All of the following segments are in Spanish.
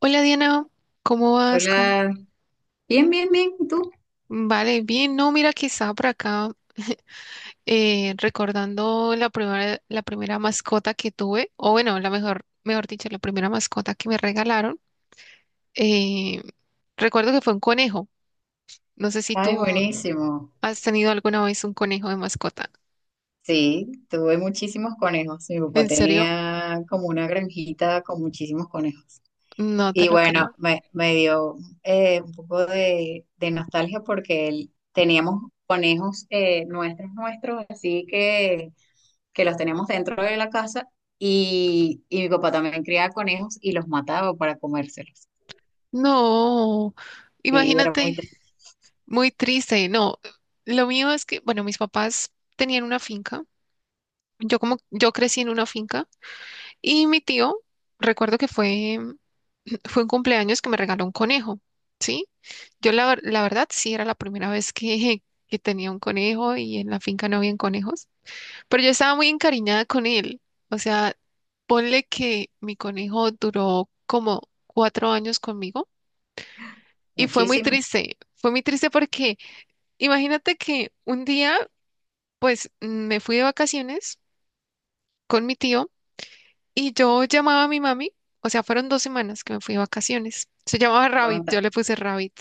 Hola Diana, ¿cómo vas? ¿Cómo- Hola, bien, bien, bien, ¿y tú? Vale, bien. No, mira que estaba por acá recordando la primera mascota que tuve, o bueno, la mejor, mejor dicho, la primera mascota que me regalaron. Eh, Recuerdo que fue un conejo. No sé si Ay, tú buenísimo. has tenido alguna vez un conejo de mascota. Sí, tuve muchísimos conejos. Mi papá ¿En serio? tenía como una granjita con muchísimos conejos. No te Y lo bueno, creo. me dio un poco de nostalgia porque él- teníamos conejos nuestros, así que los teníamos dentro de la casa y mi papá también criaba conejos y los mataba para comérselos. No, Sí, era muy imagínate, triste. muy triste. No, lo mío es que, bueno, mis papás tenían una finca. Yo como yo crecí en una finca. Y mi tío, recuerdo que fue, fue un cumpleaños que me regaló un conejo, ¿sí? La verdad sí era la primera vez que tenía un conejo y en la finca no habían conejos, pero yo estaba muy encariñada con él. O sea, ponle que mi conejo duró como 4 años conmigo y fue muy Muchísimo. triste. Fue muy triste porque imagínate que un día, pues, me fui de vacaciones con mi tío. Y yo llamaba a mi mami, o sea, fueron 2 semanas que me fui de vacaciones. Se llamaba Rabbit, yo le puse Rabbit.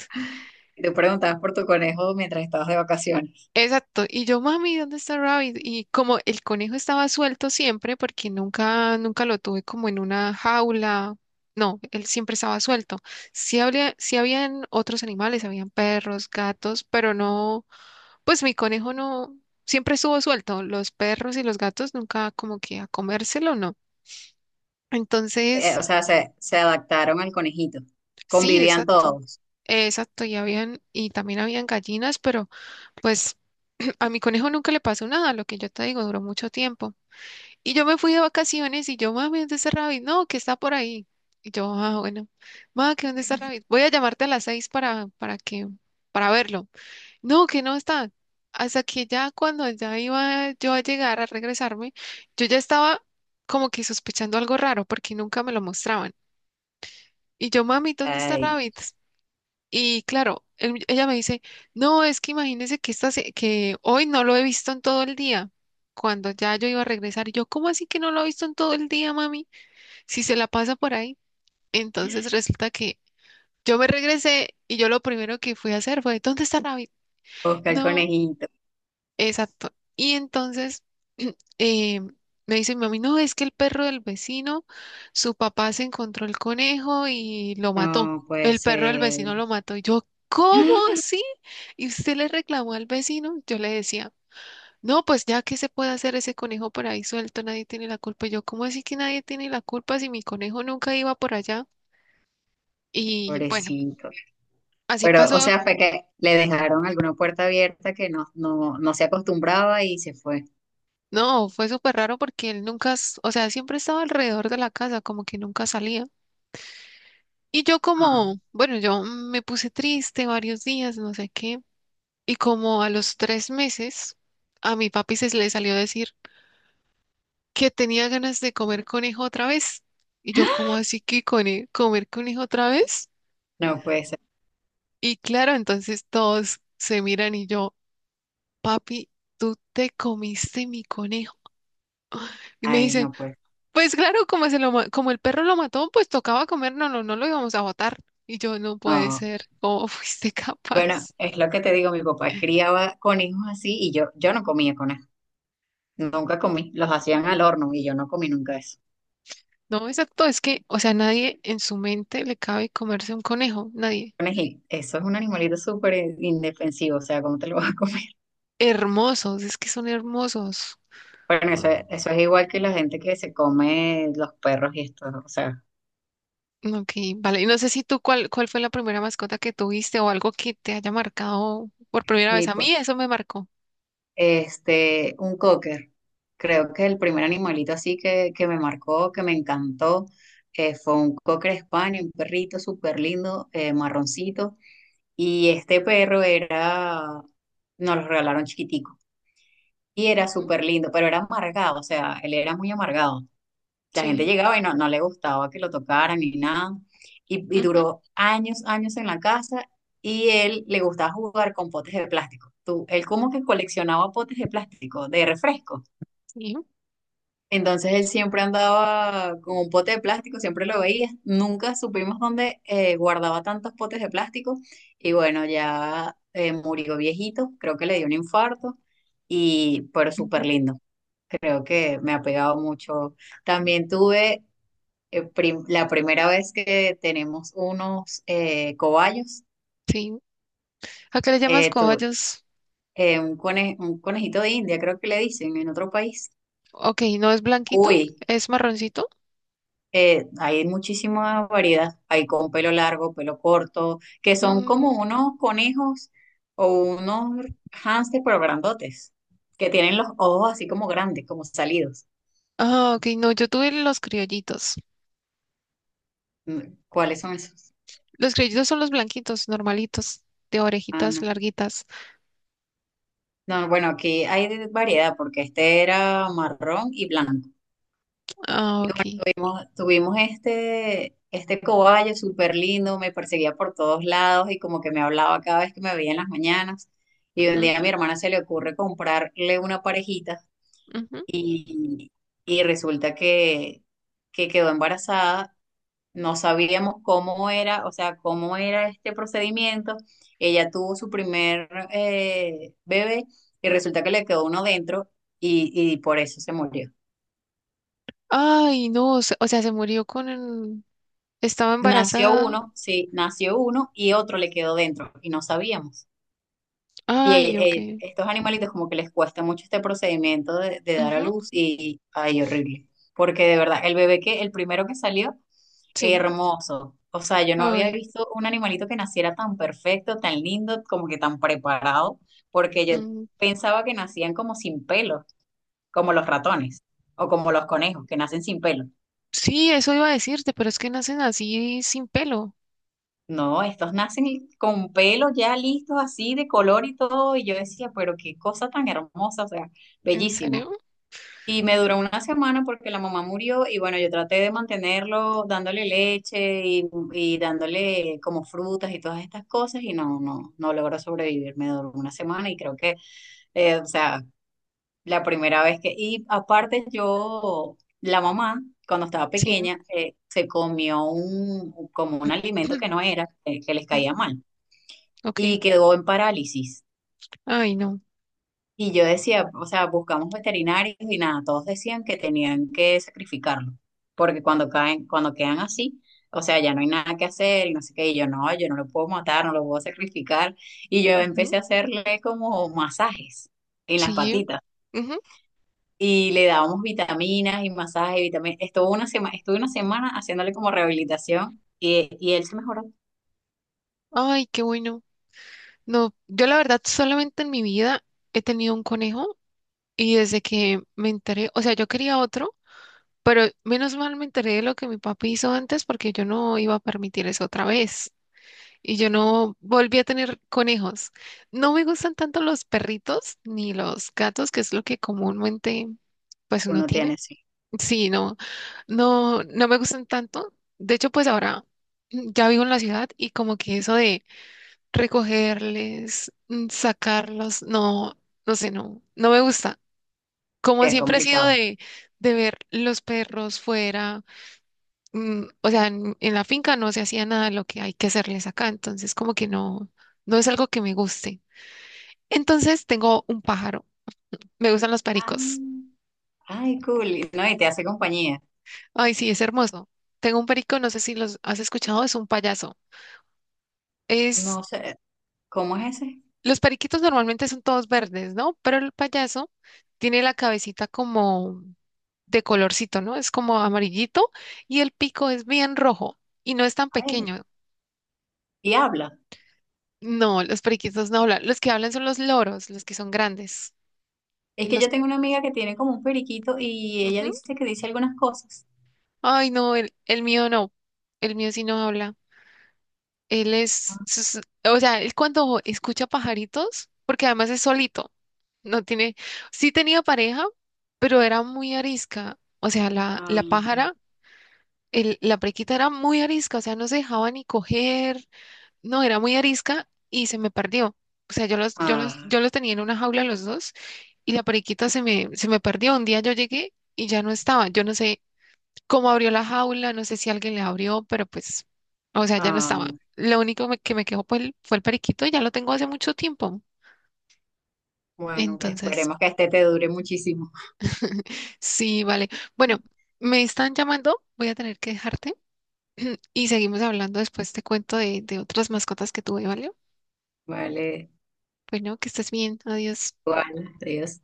Y tú preguntabas por tu conejo mientras estabas de vacaciones. Exacto. Y yo, mami, ¿dónde está Rabbit? Y como el conejo estaba suelto siempre, porque nunca, nunca lo tuve como en una jaula. No, él siempre estaba suelto. Sí habían otros animales, habían perros, gatos, pero no, pues mi conejo no, siempre estuvo suelto. Los perros y los gatos nunca como que a comérselo, no. Entonces O sea, se adaptaron al conejito. sí, Convivían exacto. todos. Exacto, y habían, y también habían gallinas, pero pues a mi conejo nunca le pasó nada, lo que yo te digo, duró mucho tiempo. Y yo me fui de vacaciones y yo, mami, ¿dónde está Rabbit? No, que está por ahí. Y yo, ah, bueno, mami, ¿que dónde está Rabbit? Voy a llamarte a las 6 para que, para verlo. No, que no está. Hasta que ya cuando ya iba yo a llegar a regresarme, yo ya estaba como que sospechando algo raro porque nunca me lo mostraban. Y yo, mami, ¿dónde está Ay, Rabbit? Y claro, ella me dice, no, es que imagínese que, que hoy no lo he visto en todo el día. Cuando ya yo iba a regresar, y yo, ¿cómo así que no lo he visto en todo el día, mami? Si se la pasa por ahí. Entonces resulta que yo me regresé y yo lo primero que fui a hacer fue, ¿dónde está David? busca el No. conejito. Exacto. Y entonces eh, me dice mi mami, no, es que el perro del vecino, su papá se encontró el conejo y lo mató. No, El pues, perro del vecino lo mató. Y yo, ¿cómo así? Y usted le reclamó al vecino. Yo le decía, no, pues ya que se puede hacer, ese conejo por ahí suelto, nadie tiene la culpa. Y yo, ¿cómo así que nadie tiene la culpa si mi conejo nunca iba por allá? Y bueno, pobrecito. así Pero, o pasó. sea, fue que le dejaron alguna puerta abierta que no, no, no se acostumbraba y se fue. No, fue súper raro porque él nunca, o sea, siempre estaba alrededor de la casa, como que nunca salía. Y yo Ah, como, bueno, yo me puse triste varios días, no sé qué. Y como a los 3 meses, a mi papi se le salió a decir que tenía ganas de comer conejo otra vez. Y yo como así que comer conejo otra vez. no puede ser. Y claro, entonces todos se miran y yo, papi, ¿tú te comiste mi conejo? Y me Ay, dicen, no puede. pues claro, como, como el perro lo mató, pues tocaba comer, no, no, no lo íbamos a botar. Y yo, no puede No. ser, ¿cómo fuiste Bueno, capaz? es lo que te digo, mi papá criaba conejos así y yo no comía conejos. Nunca comí. Los hacían al horno y yo no comí nunca eso. No, exacto, es que, o sea, nadie en su mente le cabe comerse un conejo, nadie. Conejito, eso es un animalito súper indefensivo, o sea, ¿cómo te lo vas a comer? Hermosos, es que son hermosos. Bueno, O- eso es igual que la gente que se come los perros y esto, o sea, Ok, vale. Y no sé si tú cuál, cuál fue la primera mascota que tuviste o algo que te haya marcado por primera vez. A meatball. mí eso me marcó. Este, un cocker, creo que el primer animalito así que me marcó, que me encantó, fue un cocker español, un perrito súper lindo, marroncito, y este perro era, nos lo regalaron chiquitico, y era Ujú, súper lindo, pero era amargado, o sea, él era muy amargado. La gente sí, llegaba y no, no le gustaba que lo tocaran ni nada. Y ujú, duró años, años en la casa y él le gustaba jugar con potes de plástico. Tú, él como que coleccionaba potes de plástico, de refresco. sí, Entonces él siempre andaba con un pote de plástico, siempre lo veía. Nunca supimos dónde guardaba tantos potes de plástico. Y bueno, ya murió viejito, creo que le dio un infarto. Y, pero súper ujú, lindo, creo que me ha pegado mucho. También tuve la primera vez que tenemos unos cobayos, sí. ¿A qué le llamas eh, tu- cobayos? Un, cone- un conejito de India, creo que le dicen en otro país. Ok, no es blanquito, Uy, es marroncito. Hay muchísima variedad. Hay con pelo largo, pelo corto, que son como Mm, unos conejos o unos hámster, pero grandotes, que tienen los ojos así como grandes, como salidos. ah, ok, no, yo tuve los criollitos. Mm, ¿cuáles son esos? Los criollitos son los blanquitos, normalitos, de Ah, orejitas no. larguitas. No, bueno, aquí hay de- variedad porque este era marrón y blanco. Ah, Y bueno, ok. tuvimos, tuvimos este, este cobayo súper lindo, me perseguía por todos lados y como que me hablaba cada vez que me veía en las mañanas. Y un día a mi Ujú, hermana se le ocurre comprarle una parejita ujú. y, y resulta que quedó embarazada. No sabíamos cómo era, o sea, cómo era este procedimiento. Ella tuvo su primer bebé y resulta que le quedó uno dentro y por eso se murió. Ay, no, o sea, se murió con el. Estaba Nació embarazada. uno, sí, nació uno y otro le quedó dentro y no sabíamos. Y Ay, ok. Estos animalitos como que les cuesta mucho este procedimiento de dar a Ujú, luz y, ay, horrible. Porque de verdad, el bebé que, el primero que salió, sí. hermoso. O sea, yo no había Ay, visto un animalito que naciera tan perfecto, tan lindo, como que tan preparado, porque yo mm, pensaba que nacían como sin pelo, como los ratones o como los conejos, que nacen sin pelo. sí, eso iba a decirte, pero es que nacen así sin pelo. No, estos nacen con pelo ya listos así de color y todo, y yo decía, pero qué cosa tan hermosa, o sea, ¿En serio? bellísimo. Y me duró una semana porque la mamá murió y bueno, yo traté de mantenerlo dándole leche y dándole como frutas y todas estas cosas y no, no, no logró sobrevivir. Me duró una semana y creo que, o sea, la primera vez que, y aparte yo, la mamá, cuando estaba Sí. pequeña, se comió un, como un alimento que no era, que les caía Ujú, mal ok. y quedó en parálisis. Ay, no. Y yo decía, o sea, buscamos veterinarios y nada, todos decían que tenían que sacrificarlo, porque cuando caen, cuando quedan así, o sea, ya no hay nada que hacer, y no sé qué, y yo no, yo no lo puedo matar, no lo puedo sacrificar. Y yo Ujú, empecé a hacerle como masajes en las sí. patitas. Ujú. Y le dábamos vitaminas y masajes y vitaminas. Estuvo una sema Estuve una semana haciéndole como rehabilitación y él se mejoró. Ay, qué bueno. No, yo la verdad solamente en mi vida he tenido un conejo y desde que me enteré, o sea, yo quería otro, pero menos mal me enteré de lo que mi papi hizo antes porque yo no iba a permitir eso otra vez. Y yo no volví a tener conejos. No me gustan tanto los perritos ni los gatos, que es lo que comúnmente pues uno Uno tiene. tiene, sí, Sí, no, no, no me gustan tanto. De hecho, pues ahora ya vivo en la ciudad y como que eso de recogerles, mm, sacarlos, no, no sé, no, no me gusta. Como es siempre he sido complicado. De ver los perros fuera, mm, o sea, en la finca no se hacía nada de lo que hay que hacerles acá, entonces como que no, no es algo que me guste. Entonces tengo un pájaro, me gustan los Ah, pericos. ay, cool. No, y te hace compañía. Ay, sí, es hermoso. Tengo un perico, no sé si los has escuchado, es un payaso. Es, No sé, ¿cómo es ese? los periquitos normalmente son todos verdes, ¿no? Pero el payaso tiene la cabecita como de colorcito, ¿no? Es como amarillito y el pico es bien rojo y no es tan A ver, pequeño. y habla. No, los periquitos no hablan. Los que hablan son los loros, los que son grandes. Es que Los... yo tengo una amiga que tiene como un periquito y ella ujú. dice que dice algunas cosas. Ay, no, el mío no. El mío sí no habla. Él es, o sea, él cuando escucha pajaritos, porque además es solito, no tiene, sí tenía pareja, pero era muy arisca. O sea, Ah, la ok. pájara, la prequita era muy arisca, o sea, no se dejaba ni coger. No, era muy arisca y se me perdió. O sea, Ah, yo los tenía en una jaula los dos y la periquita se me perdió. Un día yo llegué y ya no estaba. Yo no sé cómo abrió la jaula, no sé si alguien le abrió, pero pues, o sea, ya no ah, estaba. Lo único que me quedó fue fue el periquito y ya lo tengo hace mucho tiempo. bueno, Entonces, esperemos que este te dure muchísimo. sí, vale. Bueno, me están llamando, voy a tener que dejarte y seguimos hablando después. Te cuento de otras mascotas que tuve, ¿vale? Vale, Bueno, que estés bien. Adiós. igual, adiós.